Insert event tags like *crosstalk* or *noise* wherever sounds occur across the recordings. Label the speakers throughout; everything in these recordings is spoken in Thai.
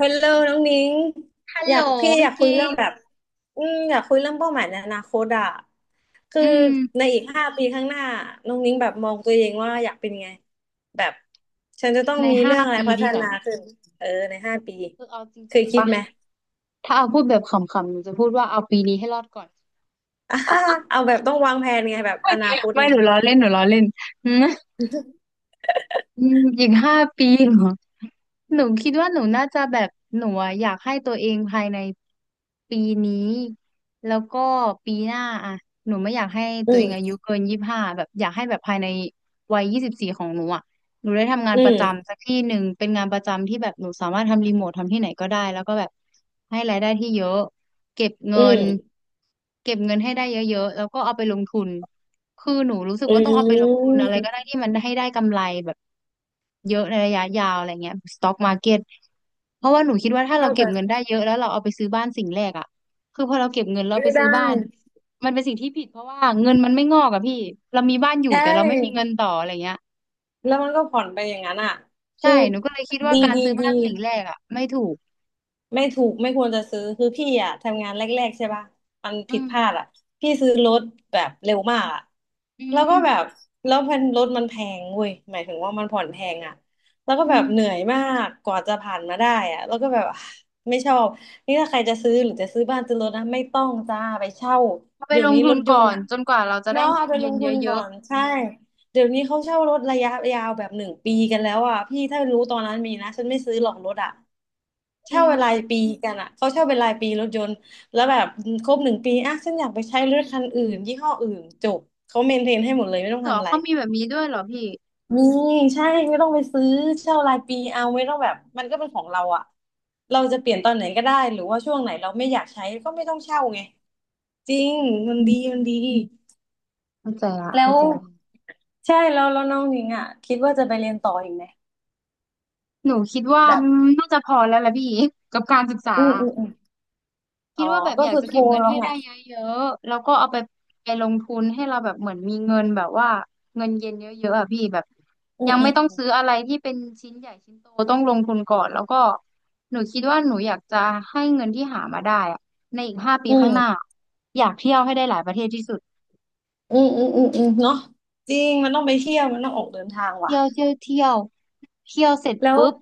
Speaker 1: ฮัลโหลน้องนิ้ง
Speaker 2: ฮัล
Speaker 1: อ
Speaker 2: โหล
Speaker 1: ยากพี่อ
Speaker 2: พี่
Speaker 1: ยากคุ
Speaker 2: กิ
Speaker 1: ยเรื่อ
Speaker 2: ฟ
Speaker 1: ง
Speaker 2: ต์
Speaker 1: แบบอยากคุยเรื่องเป้าหมายในอนาคตอะคือ
Speaker 2: อืม
Speaker 1: ในอีกห้าปีข้างหน้าน้องนิ้งแบบมองตัวเองว่าอยากเป็นไงแบบฉันจะต้อง
Speaker 2: ใน
Speaker 1: มี
Speaker 2: ห้า
Speaker 1: เรื่องอะไร
Speaker 2: ปี
Speaker 1: พัฒ
Speaker 2: นี้เหร
Speaker 1: นา
Speaker 2: อ
Speaker 1: ขึ้นเออในห้าปี
Speaker 2: คือเอาจ
Speaker 1: เค
Speaker 2: ริง
Speaker 1: ย
Speaker 2: ๆ
Speaker 1: คิด
Speaker 2: ปะ
Speaker 1: ไหม
Speaker 2: ถ้าเอาพูดแบบขำๆหนูจะพูดว่าเอาปีนี้ให้รอดก่อน
Speaker 1: อ่า *laughs* เอาแบบต้องวางแผนไงแบบอนาค
Speaker 2: *laughs*
Speaker 1: ต
Speaker 2: ไม่
Speaker 1: ไง
Speaker 2: หนูล้อเล่นหนูล้อเล่น อืมอีก5 ปีเหรอ หนูคิดว่าหนูน่าจะแบบหนูอะอยากให้ตัวเองภายในปีนี้แล้วก็ปีหน้าอะหนูไม่อยากให้
Speaker 1: อื
Speaker 2: ตัวเองอา
Speaker 1: ม
Speaker 2: ยุเกิน25แบบอยากให้แบบภายในวัย24ของหนูอะหนูได้ทำงาน
Speaker 1: อื
Speaker 2: ป
Speaker 1: ม
Speaker 2: ระจำสักที่หนึ่งเป็นงานประจำที่แบบหนูสามารถทำรีโมททำที่ไหนก็ได้แล้วก็แบบให้รายได้ที่เยอะเก็บเงิ
Speaker 1: อื
Speaker 2: น
Speaker 1: ม
Speaker 2: เก็บเงินให้ได้เยอะๆแล้วก็เอาไปลงทุนคือหนูรู้สึก
Speaker 1: อื
Speaker 2: ว่าต้องเอาไปลงทุนอะไรก็ได้
Speaker 1: ม
Speaker 2: ที่มันให้ได้กำไรแบบ เยอะในระยะยาวอะไรเงี้ยสต็อกมาร์เก็ตเพราะว่าหนูคิดว่าถ้าเรา
Speaker 1: เข้าใจ
Speaker 2: เก็บเงินได้เยอะแล้วเราเอาไปซื้อบ้านสิ่งแรกอ่ะคือพอเราเก็บเงินเราไป
Speaker 1: ไม่
Speaker 2: ซื้อ
Speaker 1: ได้
Speaker 2: บ้านมันเป็นสิ่งที่ผิดเพราะว่าเงินมันไม่งอกอะพี่เรามีบ้านอยู่
Speaker 1: ใช
Speaker 2: แต่เราไม่มีเงิน
Speaker 1: ่
Speaker 2: ต่ออะไรเงี้ย
Speaker 1: แล้วมันก็ผ่อนไปอย่างนั้นอ่ะ
Speaker 2: ใช่
Speaker 1: คือ
Speaker 2: หนูก็เลยคิดว่า
Speaker 1: ดี
Speaker 2: การ
Speaker 1: ดี
Speaker 2: ซื้อ
Speaker 1: ดี
Speaker 2: บ้านสิ่งแรกอ่ะไม่ถูก
Speaker 1: ไม่ถูกไม่ควรจะซื้อคือพี่อ่ะทำงานแรกๆใช่ป่ะมัน
Speaker 2: อื
Speaker 1: ผิด
Speaker 2: ม
Speaker 1: พลาดอ่ะพี่ซื้อรถแบบเร็วมากอ่ะ
Speaker 2: อื
Speaker 1: แล้วก็
Speaker 2: ม
Speaker 1: แบบแล้วพันรถมันแพงเว้ยหมายถึงว่ามันผ่อนแพงอ่ะแล้วก็
Speaker 2: อื
Speaker 1: แบบ
Speaker 2: ม
Speaker 1: เหนื่อยมากกว่าจะผ่านมาได้อ่ะแล้วก็แบบ *sighs* อ่ะไม่ชอบนี่ถ้าใครจะซื้อหรือจะซื้อบ้านซื้อรถนะไม่ต้องจ้าไปเช่า
Speaker 2: เอาไป
Speaker 1: เดี๋ย
Speaker 2: ล
Speaker 1: ว
Speaker 2: ง
Speaker 1: นี้
Speaker 2: ทุ
Speaker 1: ร
Speaker 2: น
Speaker 1: ถย
Speaker 2: ก่
Speaker 1: น
Speaker 2: อ
Speaker 1: ต์
Speaker 2: น
Speaker 1: อ่ะ
Speaker 2: จนกว่าเราจะได้
Speaker 1: เนาะ
Speaker 2: เงิ
Speaker 1: เอา
Speaker 2: น
Speaker 1: ไปล
Speaker 2: เย็น
Speaker 1: งทุน
Speaker 2: เย
Speaker 1: ก่อ
Speaker 2: อะ
Speaker 1: นใช่ เดี๋ยวนี้เขาเช่ารถระยะยาวแบบหนึ่งปีกันแล้วอ่ะพี่ถ้ารู้ตอนนั้นมีนะฉันไม่ซื้อหรอกรถอ่ะ
Speaker 2: ๆจริ
Speaker 1: เช่า
Speaker 2: ง
Speaker 1: เป็นรายปีกันอ่ะเขาเช่าเป็นรายปีรถยนต์แล้วแบบครบหนึ่งปีอ่ะฉันอยากไปใช้รถคันอื่นยี่ห้ออื่นจบเขาเมนเทนให้หมดเลยไม่ต้อง
Speaker 2: เหรอ
Speaker 1: ทำอะไร
Speaker 2: เขามีแบบนี้ด้วยเหรอพี่
Speaker 1: มีใช่ไม่ต้องไปซื้อเช่ารายปีเอาไม่ต้องแบบมันก็เป็นของเราอ่ะเราจะเปลี่ยนตอนไหนก็ได้หรือว่าช่วงไหนเราไม่อยากใช้ก็ไม่ต้องเช่าไงจริงมัน
Speaker 2: อื
Speaker 1: ดีมัน
Speaker 2: ม
Speaker 1: ดี
Speaker 2: เข้าใจละ
Speaker 1: แล้
Speaker 2: เข้า
Speaker 1: ว
Speaker 2: ใจละ
Speaker 1: ใช่แล้วแล้วน้องหญิงอ่ะคิดว่าจะไปเรียนต่ออีกไหม
Speaker 2: หนูคิดว่า
Speaker 1: แบบ
Speaker 2: น่าจะพอแล้วละพี่ *laughs* กับการศึกษา
Speaker 1: อืมอืมอืม
Speaker 2: คิ
Speaker 1: อ๋อ
Speaker 2: ดว่าแบบ
Speaker 1: ก็
Speaker 2: อยาก
Speaker 1: คือ
Speaker 2: จะ
Speaker 1: โท
Speaker 2: เก็
Speaker 1: ร
Speaker 2: บเงิน
Speaker 1: แล้ว
Speaker 2: ให้
Speaker 1: ไง
Speaker 2: ได้เยอะๆแล้วก็เอาไปลงทุนให้เราแบบเหมือนมีเงินแบบว่าเงินเย็นเยอะๆอ่ะพี่แบบ
Speaker 1: อื
Speaker 2: ยั
Speaker 1: ม
Speaker 2: ง
Speaker 1: อื
Speaker 2: ไม่ต้องซื้อ
Speaker 1: ม
Speaker 2: อะไรที่เป็นชิ้นใหญ่ชิ้นโตต้องลงทุนก่อนแล้วก็หนูคิดว่าหนูอยากจะให้เงินที่หามาได้อ่ะในอีกห้าปี
Speaker 1: อื
Speaker 2: ข้า
Speaker 1: ม
Speaker 2: งหน้าอยากเที่ยวให้ได้หลายประเทศที่สุด
Speaker 1: เนาะจริงมันต้องไปเที่ยวมันต้องออกเดินทางว่ะ
Speaker 2: เที่ยวเที่ยวเที่ยวเที่ยวเสร็จ
Speaker 1: แล้ว
Speaker 2: ปุ๊บ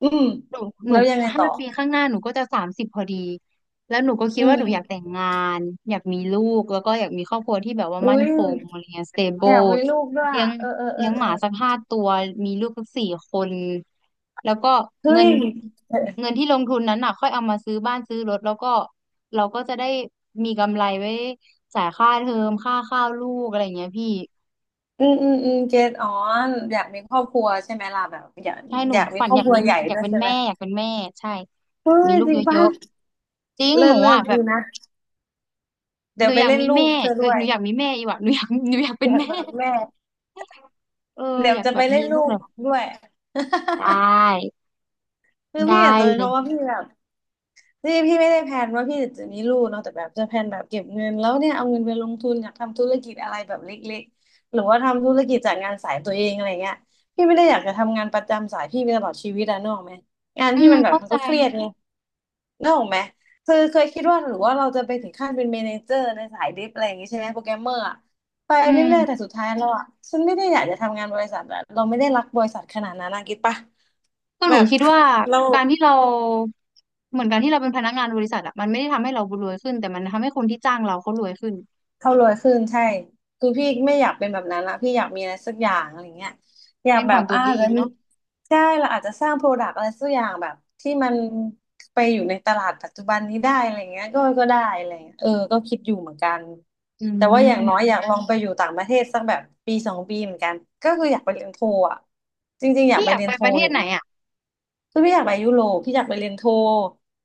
Speaker 1: อืม
Speaker 2: หนูหนู
Speaker 1: แล้วยังไงต่
Speaker 2: ห้า
Speaker 1: อ
Speaker 2: ปีข้างหน้าหนูก็จะ30พอดีแล้วหนูก็คิด
Speaker 1: อื
Speaker 2: ว่าหนูอยากแต่
Speaker 1: ม
Speaker 2: งงานอยากมีลูกแล้วก็อยากมีครอบครัวที่แบบว่า
Speaker 1: อุ้
Speaker 2: มั่น
Speaker 1: ย
Speaker 2: คงอะไรเงี้ย
Speaker 1: อยา
Speaker 2: stable
Speaker 1: กมีลูกด้วย
Speaker 2: เลี้ย
Speaker 1: อะ
Speaker 2: ง
Speaker 1: เออเออเอ
Speaker 2: เลี้
Speaker 1: อ
Speaker 2: ยง
Speaker 1: เอ
Speaker 2: ห
Speaker 1: อ
Speaker 2: มาสัก5 ตัวมีลูกสัก4 คนแล้วก็
Speaker 1: เฮ้
Speaker 2: เงิน
Speaker 1: ยเออ
Speaker 2: เงินที่ลงทุนนั้นน่ะค่อยเอามาซื้อบ้านซื้อรถแล้วก็เราก็จะได้มีกำไรไว้จ่ายค่าเทอมค่าข้าวลูกอะไรเงี้ยพี่
Speaker 1: เกตอ๋ออยากมีครอบครัวใช่ไหมล่ะแบบอยาก
Speaker 2: ใช่หนู
Speaker 1: อยากมี
Speaker 2: ฝัน
Speaker 1: ครอ
Speaker 2: อ
Speaker 1: บ
Speaker 2: ยา
Speaker 1: ค
Speaker 2: ก
Speaker 1: รั
Speaker 2: มี
Speaker 1: วใหญ่
Speaker 2: อยา
Speaker 1: ด้
Speaker 2: ก
Speaker 1: วย
Speaker 2: เป็น
Speaker 1: ใช่ไห
Speaker 2: แม่
Speaker 1: ม
Speaker 2: อยากเป็นแม่ใช่
Speaker 1: เฮ้
Speaker 2: มี
Speaker 1: ย
Speaker 2: ลูก
Speaker 1: จริง
Speaker 2: เย
Speaker 1: ป่ะ
Speaker 2: อะๆจริง
Speaker 1: เลิ
Speaker 2: หนู
Speaker 1: ศเลิ
Speaker 2: อ่ะ
Speaker 1: ศ
Speaker 2: แบ
Speaker 1: ดี
Speaker 2: บ
Speaker 1: นะเดี๋
Speaker 2: ห
Speaker 1: ย
Speaker 2: นู
Speaker 1: วไป
Speaker 2: อยาก
Speaker 1: เล่น
Speaker 2: มี
Speaker 1: ลูก
Speaker 2: แม่
Speaker 1: เธอ
Speaker 2: เอ้
Speaker 1: ด้
Speaker 2: ย
Speaker 1: ว
Speaker 2: ห
Speaker 1: ย
Speaker 2: นูอยากมีแม่อีกว่ะหนูอยาก *laughs* หนูอยากเป็
Speaker 1: อ
Speaker 2: น
Speaker 1: ยาก
Speaker 2: แม่
Speaker 1: เป็นแม่
Speaker 2: เออ
Speaker 1: เดี๋ย
Speaker 2: อ
Speaker 1: ว
Speaker 2: ยาก
Speaker 1: จะ
Speaker 2: แบ
Speaker 1: ไป
Speaker 2: บ
Speaker 1: เล่
Speaker 2: มี
Speaker 1: น
Speaker 2: ลู
Speaker 1: ลู
Speaker 2: กเล
Speaker 1: ก
Speaker 2: ยว่ะ
Speaker 1: ด้วย
Speaker 2: ได้
Speaker 1: คือ
Speaker 2: ได้
Speaker 1: พี่อาจจะเป็น
Speaker 2: เล
Speaker 1: เพ
Speaker 2: ย
Speaker 1: ราะว่าพี่แบบนี่พี่ไม่ได้แพลนว่าพี่จะมีลูกเนาะแต่แบบจะแพลนแบบเก็บเงินแล้วเนี่ยเอาเงินไปลงทุนอยากทำธุรกิจอะไรแบบเล็กๆหรือว่าทำธุรกิจจากงานสายตัวเองอะไรเงี้ยพี่ไม่ได้อยากจะทำงานประจำสายพี่ไปตลอดชีวิตอะนึกออกไหมงาน
Speaker 2: อื
Speaker 1: พี่
Speaker 2: ม
Speaker 1: มันแบบ
Speaker 2: เข้า
Speaker 1: มัน
Speaker 2: ใจ
Speaker 1: ก็เครียดไงนึกออกไหมคือเคยคิดว่าหรือว่าเราจะไปถึงขั้นเป็นเมเนเจอร์ในสายดิฟอะไรอย่างงี้ใช่ไหมโปรแกรมเมอร์อะไป
Speaker 2: อื
Speaker 1: เรื่อยๆแต่
Speaker 2: ม
Speaker 1: สุดท้ายแล้วอะฉันไม่ได้อยากจะทำงานบริษัทอะเราไม่ได้รักบริษัทขนาดนั้นนะคิดปะ
Speaker 2: ก็
Speaker 1: แบ
Speaker 2: หนู
Speaker 1: บ
Speaker 2: คิดว่า
Speaker 1: เรา
Speaker 2: การที่เราเหมือนการที่เราเป็นพนักงานบริษัทอะมันไม่ได้ทำให้เรารวยขึ้นแต่มันทำให้คนที่จ้างเราเขารวยขึ้น
Speaker 1: เขารวยขึ้นใช่คือพี่ไม่อยากเป็นแบบนั้นละพี่อยากมีอะไรสักอย่างอะไรเงี้ยอยา
Speaker 2: เป็
Speaker 1: ก
Speaker 2: น
Speaker 1: แบ
Speaker 2: ขอ
Speaker 1: บ
Speaker 2: งตัวเอ
Speaker 1: แล้
Speaker 2: ง
Speaker 1: ว
Speaker 2: เนาะ
Speaker 1: ใช่เราอาจจะสร้างโปรดักต์อะไรสักอย่างแบบที่มันไปอยู่ในตลาดปัจจุบันนี้ได้อะไรเงี้ยก็ก็ได้อะไรเงี้ยเออก็คิดอยู่เหมือนกัน
Speaker 2: อื
Speaker 1: แต่ว่าอย่างน้อย
Speaker 2: ม
Speaker 1: อยากลองไปอยู่ต่างประเทศสักแบบ1 2 ปีเหมือนกันก็คืออยากไปเรียนโทอ่ะจริงๆอยาก
Speaker 2: พี่
Speaker 1: ไป
Speaker 2: อยาก
Speaker 1: เรีย
Speaker 2: ไป
Speaker 1: นโท
Speaker 2: ประเท
Speaker 1: อ
Speaker 2: ศ
Speaker 1: ยู่
Speaker 2: ไหน
Speaker 1: นะ
Speaker 2: อะ
Speaker 1: คือพี่อยากไปยุโรปพี่อยากไปเรียนโท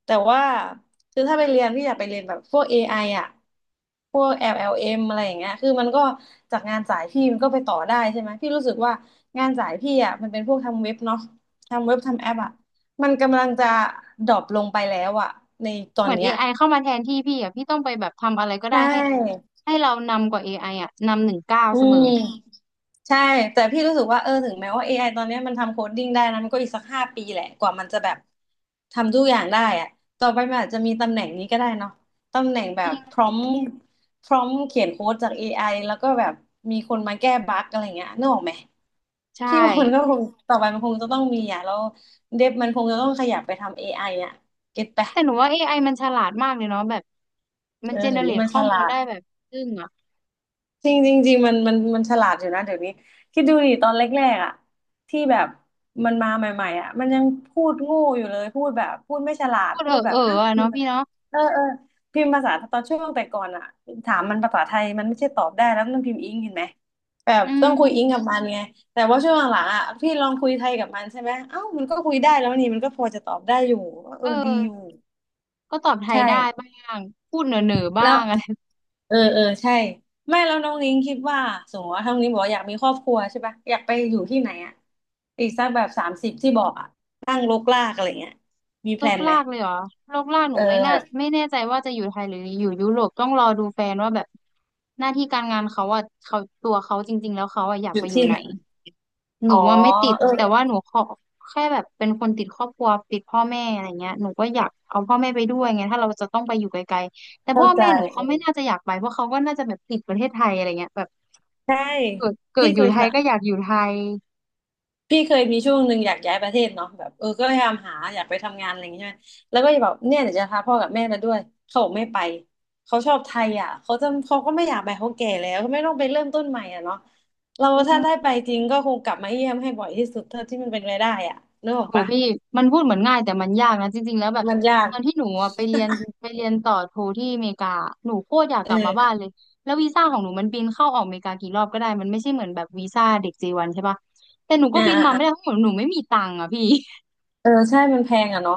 Speaker 1: แต่ว่าคือถ้าไปเรียนพี่อยากไปเรียนแบบพวกเอ i ออะพวกแอล m อลเอ็มอะไรอย่างเงี้ยคือมันก็จากงานสายพี่มันก็ไปต่อได้ใช่ไหมพี่รู้สึกว่างานสายพี่อะมันเป็นพวกทำเว็บเนาะทำเว็บทำแอปอะมันกำลังจะดรอปลงไปแล้วอะในตอ
Speaker 2: เห
Speaker 1: น
Speaker 2: มือน
Speaker 1: เนี้ย
Speaker 2: AI เข้ามาแทนที่พี่อะพี่ต้องไปแบบทำอะไรก็ได้
Speaker 1: ใช่
Speaker 2: ให้ให้เรานำกว่า AI อไออะนำ1 ก้าว
Speaker 1: อื
Speaker 2: เสมอ
Speaker 1: ม ใช่แต่พี่รู้สึกว่าเออถึงแม้ว่า AI ตอนเนี้ยมันทำโคดดิ้งได้นะมันก็อีกสักห้าปีแหละกว่ามันจะแบบทำทุกอย่างได้อะต่อไปมันอาจจะมีตำแหน่งนี้ก็ได้เนาะตำแหน่งแบ
Speaker 2: จ
Speaker 1: บ
Speaker 2: ริ
Speaker 1: พ
Speaker 2: ง
Speaker 1: ร้อมพร้อมเขียนโค้ดจาก AI แล้วก็แบบมีคนมาแก้บั๊กอะไรเงี้ยนึกออกไหม
Speaker 2: ใช่
Speaker 1: พี่ว่ามันก็คงต่อไปมันคงจะต้องมีอ่ะแล้วเดฟมันคงจะต้องขยับไปทำ AI อไออ่ะเก็ตปะ
Speaker 2: แต่หนูว่า AI มันฉลาดมากเลยเนาะแบบมั
Speaker 1: เอ
Speaker 2: นเจ
Speaker 1: อ
Speaker 2: เน
Speaker 1: เดี๋ยว
Speaker 2: เร
Speaker 1: นี้
Speaker 2: ต
Speaker 1: มัน
Speaker 2: ข้
Speaker 1: ฉ
Speaker 2: อมูล
Speaker 1: ลาด
Speaker 2: ได้แบบซึ่งอ่ะ
Speaker 1: จริงจริงจริงมันฉลาดอยู่นะเดี๋ยวนี้คิดดูดิตอนแรกๆอ่ะที่แบบมันมาใหม่ๆอ่ะมันยังพูดโง่อยู่เลยพูดแบบพูดไม่ฉลาด
Speaker 2: พูด
Speaker 1: พู
Speaker 2: เออ
Speaker 1: ดแบ
Speaker 2: เอ
Speaker 1: บ
Speaker 2: อ
Speaker 1: ฮะ
Speaker 2: อะ
Speaker 1: พิม
Speaker 2: เนาะ
Speaker 1: พ์แบ
Speaker 2: พี่
Speaker 1: บ
Speaker 2: เนาะ
Speaker 1: เออเออพิมพ์ภาษาตอนช่วงแต่ก่อนอ่ะถามมันภาษาไทยมันไม่ใช่ตอบได้แล้วมันพิมพ์อิงเห็นไหมแบบ
Speaker 2: อื
Speaker 1: ต้องคุยอิงกั
Speaker 2: ม
Speaker 1: บมันไงแต่ว่าช่วงหลังๆอ่ะพี่ลองคุยไทยกับมันใช่ไหมเอ้ามันก็คุยได้แล้วนี่มันก็พอจะตอบได้อยู่เอ
Speaker 2: เอ
Speaker 1: อดีอยู่
Speaker 2: อก็ตอบไทย
Speaker 1: ใช่
Speaker 2: ได้บ้างพูดเหน่อเหน่อบ้า
Speaker 1: แล้ว
Speaker 2: งอะไร
Speaker 1: เออเออใช่ไม่แล้วน้องนิ้งคิดว่าสมมติว่าท้องนิ้งบอกว่าอยากมีครอบครัวใช่ปะอยากไปอยู่ที่ไหนอ่ะอีกสักแบบ30ที่บอกอ่ะตั้งรกรากอะไรเงี้ยมีแพ
Speaker 2: โล
Speaker 1: ล
Speaker 2: ก
Speaker 1: นไหม
Speaker 2: ลากเลยเหรอโลกลากห
Speaker 1: เอ
Speaker 2: นู
Speaker 1: อ
Speaker 2: ไม่น่า
Speaker 1: แบบ
Speaker 2: ไม่แน่ใจว่าจะอยู่ไทยหรืออยู่ยุโรปต้องรอดูแฟนว่าแบบหน้าที่การงานเขาอ่ะเขาตัวเขาจริงๆแล้วเขาอ่ะอยาก
Speaker 1: อ
Speaker 2: ไป
Speaker 1: ยู่
Speaker 2: อยู่
Speaker 1: ที่
Speaker 2: ไหน
Speaker 1: ไหน
Speaker 2: ห
Speaker 1: อ๋
Speaker 2: นู
Speaker 1: อ
Speaker 2: ว่าไม่ติด
Speaker 1: เออ
Speaker 2: แต่ว่าหนูขอแค่แบบเป็นคนติดครอบครัวติดพ่อแม่อะไรเงี้ยหนูก็อยากเอาพ่อแม่ไปด้วยไงถ้าเราจะต้องไปอยู่ไกลๆแต่
Speaker 1: เข้า
Speaker 2: พ่อ
Speaker 1: ใจ
Speaker 2: แม่หนู
Speaker 1: เอ
Speaker 2: เขาไม่
Speaker 1: อ
Speaker 2: น่าจะอยากไปเพราะเขาก็น่าจะแบบติดประเทศไทยอะไรเงี้ยแบบ
Speaker 1: ใช่
Speaker 2: เกิ
Speaker 1: พี่
Speaker 2: ดอ
Speaker 1: เค
Speaker 2: ยู่
Speaker 1: ย
Speaker 2: ไทย
Speaker 1: สะ
Speaker 2: ก็อยากอยู่ไทย
Speaker 1: พี่เคยมีช่วงหนึ่งอยากย้ายประเทศเนาะแบบเออก็พยายามหาอยากไปทำงานอะไรอย่างเงี้ยใช่ไหมแล้วก็จะบอกเนี่ยเดี๋ยวจะพาพ่อกับแม่มาด้วยเขาบอกไม่ไปเขาชอบไทยอ่ะเขาจะเขาก็ไม่อยากไปเขาแก่แล้วเขาไม่ต้องไปเริ่มต้นใหม่อ่ะเนาะเรา
Speaker 2: อื
Speaker 1: ถ้าได้ไป
Speaker 2: ม
Speaker 1: จริงก็คงกลับมาเยี่ยมให้บ่อยที่สุดเท่าที่มันเป็นไปได้อ่ะนึกออก
Speaker 2: โห
Speaker 1: ปะ
Speaker 2: พี่มันพูดเหมือนง่ายแต่มันยากนะจริงๆแล้วแบบ
Speaker 1: มันยาก
Speaker 2: ตอนที่หนูอะไปเรียนไปเรียนต่อโทที่อเมริกาหนูโคตรอยาก
Speaker 1: เอ
Speaker 2: กลับมาบ้าน
Speaker 1: อ
Speaker 2: เลยแล้ววีซ่าของหนูมันบินเข้าออกอเมริกากี่รอบก็ได้มันไม่ใช่เหมือนแบบวีซ่าเด็กเจวันใช่ปะแต่หนูก็
Speaker 1: อ่า
Speaker 2: บิน
Speaker 1: อ่า
Speaker 2: มา
Speaker 1: อ่า
Speaker 2: ไม่ได้เพราะหนูไม่มีตังค์อะพี่
Speaker 1: เออใช่มันแพงอ่ะเนาะ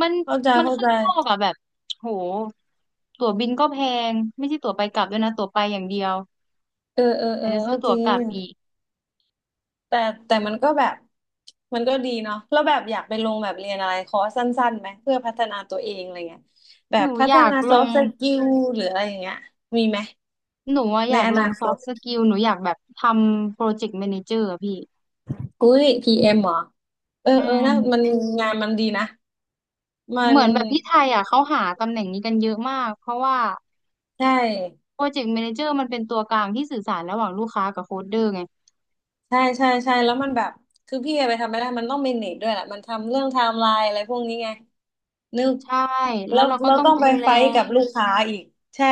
Speaker 2: มัน
Speaker 1: เข้าใจ
Speaker 2: มัน
Speaker 1: เข้า
Speaker 2: ข้า
Speaker 1: ใจ
Speaker 2: งนอกอะแบบโหตั๋วบินก็แพงไม่ใช่ตั๋วไปกลับด้วยนะตั๋วไปอย่างเดียว
Speaker 1: เออเออเอ
Speaker 2: แต่
Speaker 1: อ
Speaker 2: จะซื้
Speaker 1: ก็
Speaker 2: อตั๋
Speaker 1: จ
Speaker 2: ว
Speaker 1: ริ
Speaker 2: กลั
Speaker 1: ง
Speaker 2: บอีก
Speaker 1: แต่แต่มันก็แบบมันก็ดีเนาะแล้วแบบอยากไปลงแบบเรียนอะไรคอร์สสั้นๆไหมเพื่อพัฒนาตัวเองอะไรเงี้ยแบ
Speaker 2: ห
Speaker 1: บ
Speaker 2: นู
Speaker 1: พั
Speaker 2: อ
Speaker 1: ฒ
Speaker 2: ยาก
Speaker 1: นา
Speaker 2: ล
Speaker 1: ซอฟ
Speaker 2: ง
Speaker 1: ต์สกิลหรืออะไรอย่างเงี้ยมีไหม
Speaker 2: หนูอะอ
Speaker 1: ใน
Speaker 2: ยาก
Speaker 1: อ
Speaker 2: ล
Speaker 1: นา
Speaker 2: งซ
Speaker 1: ค
Speaker 2: อฟ
Speaker 1: ต
Speaker 2: ต์สกิลหนูอยากแบบทำโปรเจกต์แมเนเจอร์อะพี่
Speaker 1: อุ้ยพีเอ็มเหรอเออ
Speaker 2: อื
Speaker 1: เออ
Speaker 2: ม
Speaker 1: นะมันงานมันดีนะมั
Speaker 2: เห
Speaker 1: น
Speaker 2: มือนแบบที่ไทยอะเขาหาตำแหน่งนี้กันเยอะมากเพราะว่า
Speaker 1: ใช่
Speaker 2: โปรเจกต์แมเนเจอร์มันเป็นตัวกลางที่สื่อสารระหว่างลูกค้ากับโค้ดเดอร์ไง
Speaker 1: ใช่ใช่ใช่แล้วมันแบบคือพี่ไปทำไม่ได้มันต้องเมเนจด้วยแหละมันทำเรื่องไทม์ไลน์อะไรพวกนี้ไงนึก
Speaker 2: ใช่แล้
Speaker 1: แล้
Speaker 2: ว
Speaker 1: ว
Speaker 2: เราก็
Speaker 1: เรา
Speaker 2: ต้อง
Speaker 1: ต้อง
Speaker 2: ดู
Speaker 1: ไป
Speaker 2: แล
Speaker 1: ไฟท์กับลูกค้าอีกใช่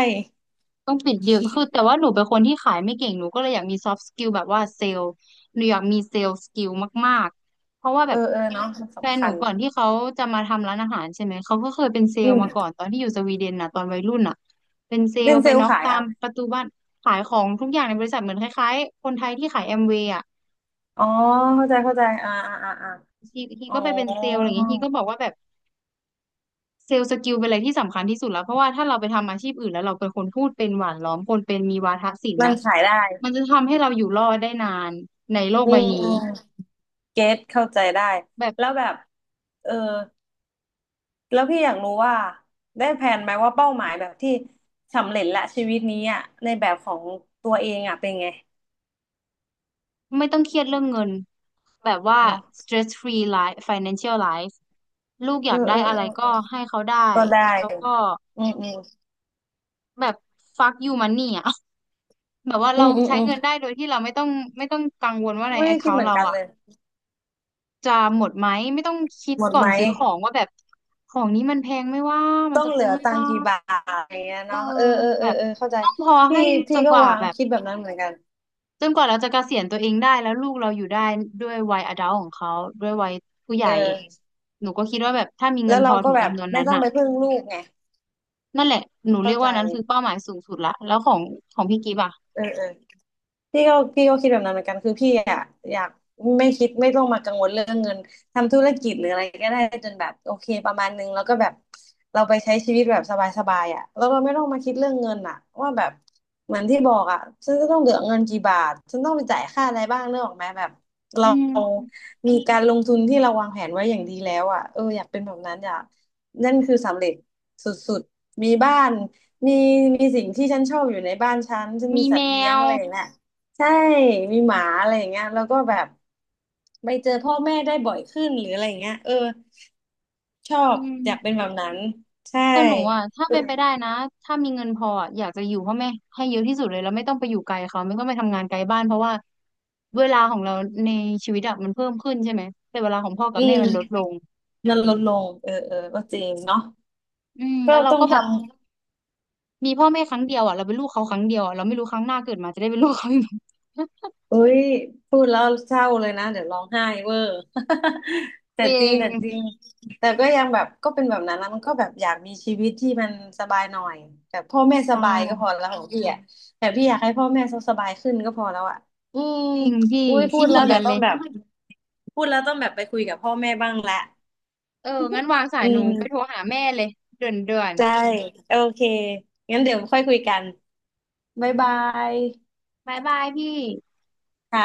Speaker 2: ต้องปิดเดีะคือแต่ว่าหนูเป็นคนที่ขายไม่เก่ง หนูก็เลยอยากมีซอฟต์สกิลแบบว่าเซลล์หนูอยากมีเซลล์สกิลมากๆเพราะว่าแบ
Speaker 1: เออ
Speaker 2: บ
Speaker 1: เออเนาะมัน
Speaker 2: แฟน
Speaker 1: สำ
Speaker 2: ห
Speaker 1: คั
Speaker 2: นู
Speaker 1: ญ
Speaker 2: ก่อนที่เขาจะมาทำร้านอาหารใช่ไหม เขาก็เคยเป็นเซล
Speaker 1: อื
Speaker 2: ล์มาก่อน
Speaker 1: ม
Speaker 2: ตอนที่อยู่สวีเดนน่ะตอนวัยรุ่นน่ะเป็นเซล
Speaker 1: เป็น
Speaker 2: ล์
Speaker 1: เซ
Speaker 2: ไป
Speaker 1: ลล์
Speaker 2: น็อก
Speaker 1: ขาย
Speaker 2: ตา
Speaker 1: อะ
Speaker 2: ม
Speaker 1: ไร
Speaker 2: ประตูบ้านขายของทุกอย่างในบริษัทเหมือนคล้ายๆ คนไทยที่ขายแอมเวย์อ่ะ
Speaker 1: อ๋อเข้าใจเข้าใจอ่าอ่าอ่าอา
Speaker 2: ที
Speaker 1: อ๋อ
Speaker 2: ก็ไปเป็นเซลล์อะไรอย่างเงี้ยทีก็บอกว่าแบบ เซลล์สกิลเป็นอะไรที่สำคัญที่สุดแล้วเพราะว่าถ้าเราไปทำอาชีพอื่นแล้วเราเป็นคนพูดเป็นหวานล้อมคนเป็นมีวาทศิลป์
Speaker 1: มัน
Speaker 2: น่ะ
Speaker 1: ขายได้
Speaker 2: มันจะทำให้เราอยู่รอดได้นานในโลก
Speaker 1: อื
Speaker 2: ใบ
Speaker 1: มอื
Speaker 2: นี้
Speaker 1: มเก็ตเข้าใจได้
Speaker 2: แบบ
Speaker 1: แล้วแบบเออแล้วพี่อยากรู้ว่าได้แผนไหมว่าเป้าหมายแบบที่สำเร็จละชีวิตนี้อ่ะในแบบของตัวเองอ่ะเป็นไง
Speaker 2: ไม่ต้องเครียดเรื่องเงินแบบว่า
Speaker 1: เนาะ
Speaker 2: stress free life financial life ลูกอ
Speaker 1: เอ
Speaker 2: ยา
Speaker 1: อ
Speaker 2: กได้
Speaker 1: เออ
Speaker 2: อะ
Speaker 1: เอ
Speaker 2: ไร
Speaker 1: อ
Speaker 2: ก็
Speaker 1: เออ
Speaker 2: ให้เขาได้
Speaker 1: ก็ได้
Speaker 2: แล้วก็
Speaker 1: อืมอืม
Speaker 2: แบบ fuck you money อ่ะ *laughs* แบบว่า
Speaker 1: อื
Speaker 2: เรา
Speaker 1: มอืม
Speaker 2: ใช้
Speaker 1: อืม
Speaker 2: เงินได้โดยที่เราไม่ต้องไม่ต้องกังวลว่าใน
Speaker 1: ไม่ได้คิดเห
Speaker 2: account
Speaker 1: มือน
Speaker 2: เรา
Speaker 1: กัน
Speaker 2: อ่ะ
Speaker 1: เลย
Speaker 2: จะหมดไหมไม่ต้องคิด
Speaker 1: หมด
Speaker 2: ก่อ
Speaker 1: ไหม
Speaker 2: นซื้อของว่าแบบของนี้มันแพงไหม่ว่ามัน
Speaker 1: ต้อ
Speaker 2: จะ
Speaker 1: งเหลื
Speaker 2: คุ้ม
Speaker 1: อ
Speaker 2: ไหม่
Speaker 1: ตัง
Speaker 2: ว่า
Speaker 1: ค์กี่บาทอะไรเงี้ย
Speaker 2: เออ
Speaker 1: เนาะเออเออ
Speaker 2: แบ
Speaker 1: เออ
Speaker 2: บ
Speaker 1: เออเข้าใจ
Speaker 2: ต้องพอ
Speaker 1: พี่
Speaker 2: ให้จ
Speaker 1: พี่
Speaker 2: น
Speaker 1: ก็
Speaker 2: กว่า
Speaker 1: วาง
Speaker 2: แบบ
Speaker 1: คิดแบบนั้นเหมือนกัน
Speaker 2: จนกว่าเราจะเกษียณตัวเองได้แล้วลูกเราอยู่ได้ด้วยวัยอดัลของเขาด้วยวัยผู้ให
Speaker 1: เ
Speaker 2: ญ่
Speaker 1: ออ
Speaker 2: หนูก็คิดว่าแบบถ้ามีเงิ
Speaker 1: แล้ว
Speaker 2: นพ
Speaker 1: เรา
Speaker 2: อ
Speaker 1: ก็
Speaker 2: ถึง
Speaker 1: แบบ
Speaker 2: จำนวน
Speaker 1: ไม่
Speaker 2: นั้น
Speaker 1: ต้อง
Speaker 2: น่ะ
Speaker 1: ไปพึ่งลูกไง
Speaker 2: นั่นแหละหนูเรี
Speaker 1: เข้า
Speaker 2: ยก
Speaker 1: ใจ
Speaker 2: ว่านั้นคือเป้าหมายสูงสุดละแล้วของพี่กิฟต์อ่ะ
Speaker 1: เออเออ พี่ก็คิดแบบนั้นเหมือนกันคือพี่อะอยากไม่คิดไม่ต้องมากังวลเรื่องเงินทำธุรกิจหรืออะไรก็ได้จนแบบโอเคประมาณนึงแล้วก็แบบเราไปใช้ชีวิตแบบสบายๆอะแล้วเราไม่ต้องมาคิดเรื่องเงินอะว่าแบบเหมือนที่บอกอะฉันจะต้องเหลือเงินกี่บาทฉันต้องไปจ่ายค่าอะไรบ้างเนกออกไหมแบบ
Speaker 2: อื
Speaker 1: เรา
Speaker 2: ม
Speaker 1: มีการลงทุนที่เราวางแผนไว้อย่างดีแล้วอะเอออยากเป็นแบบนั้นอยากนั่นคือสำเร็จสุดๆมีบ้านมีมีสิ่งที่ฉันชอบอยู่ในบ้านฉันมี
Speaker 2: มี
Speaker 1: สั
Speaker 2: แม
Speaker 1: ตว์เลี้ยง
Speaker 2: ว
Speaker 1: อะไรอย่างเงี้ย ใช่ มีหมาอะไรอย่างเงี้ยแล้วก็แบบไปเจอพ่อแม่ได้บ่อยขึ้นหรืออะไรอย่างเงี้ยเออ ชอ
Speaker 2: อื
Speaker 1: บอยากเป็นแบบ
Speaker 2: ม
Speaker 1: นั้น ใช่
Speaker 2: ก็หนูอ่ะถ้าเป็นไปได้นะถ้ามีเงินพออะอยากจะอยู่พ่อแม่ให้เยอะที่สุดเลยแล้วไม่ต้องไปอยู่ไกลเขาไม่ต้องไปทำงานไกลบ้านเพราะว่าเวลาของเราในชีวิตอะมันเพิ่มขึ้นใช่ไหมแต่เวลาของพ่อกับ
Speaker 1: อื
Speaker 2: แม่มันลดล
Speaker 1: ม
Speaker 2: ง
Speaker 1: มันลดลง เออเออก็จริงเนาะ
Speaker 2: อืม
Speaker 1: ก็
Speaker 2: แล้วเรา
Speaker 1: ต้อง
Speaker 2: ก็แบบ
Speaker 1: ทำ
Speaker 2: มีพ่อแม่ครั้งเดียวอ่ะเราเป็นลูกเขาครั้งเดียวอะเราไม่รู้ครั้งหน้าเกิดมาจะได้เป็นลูกเขาอีกไหม
Speaker 1: เอ้ยพูดแล้วเศร้าเลยนะเดี๋ยวร้องไห้เวอร์ *laughs* แต่
Speaker 2: ตัวเอ
Speaker 1: จริง
Speaker 2: ง
Speaker 1: แต่จริงแต่ก็ยังแบบก็เป็นแบบนั้นนะมันก็แบบอยากมีชีวิตที่มันสบายหน่อยแบบพ่อแม่
Speaker 2: ใช
Speaker 1: สบายก็พอ
Speaker 2: ่
Speaker 1: แล้วของพี่อ่ะแต่พี่อยากให้พ่อแม่เขาสบายขึ้นก็พอแล้วอ่ะอืม
Speaker 2: จริงพี่
Speaker 1: อุ้ยพู
Speaker 2: คิด
Speaker 1: ด
Speaker 2: เห
Speaker 1: แล้
Speaker 2: มื
Speaker 1: ว
Speaker 2: อนกั
Speaker 1: เดี๋ย
Speaker 2: น
Speaker 1: วต้
Speaker 2: เล
Speaker 1: อง
Speaker 2: ย
Speaker 1: แบบพูดแล้วต้องแบบไปคุยกับพ่อแม่บ้างละ
Speaker 2: เอองั้นวางสา
Speaker 1: อื
Speaker 2: ยหนู
Speaker 1: ม
Speaker 2: ไปโทรหาแม่เลยเด่วนเด่วน
Speaker 1: ใช่โอเคงั้นเดี๋ยวค่อยคุยกันบ๊ายบาย
Speaker 2: บายบายพี่
Speaker 1: ค่ะ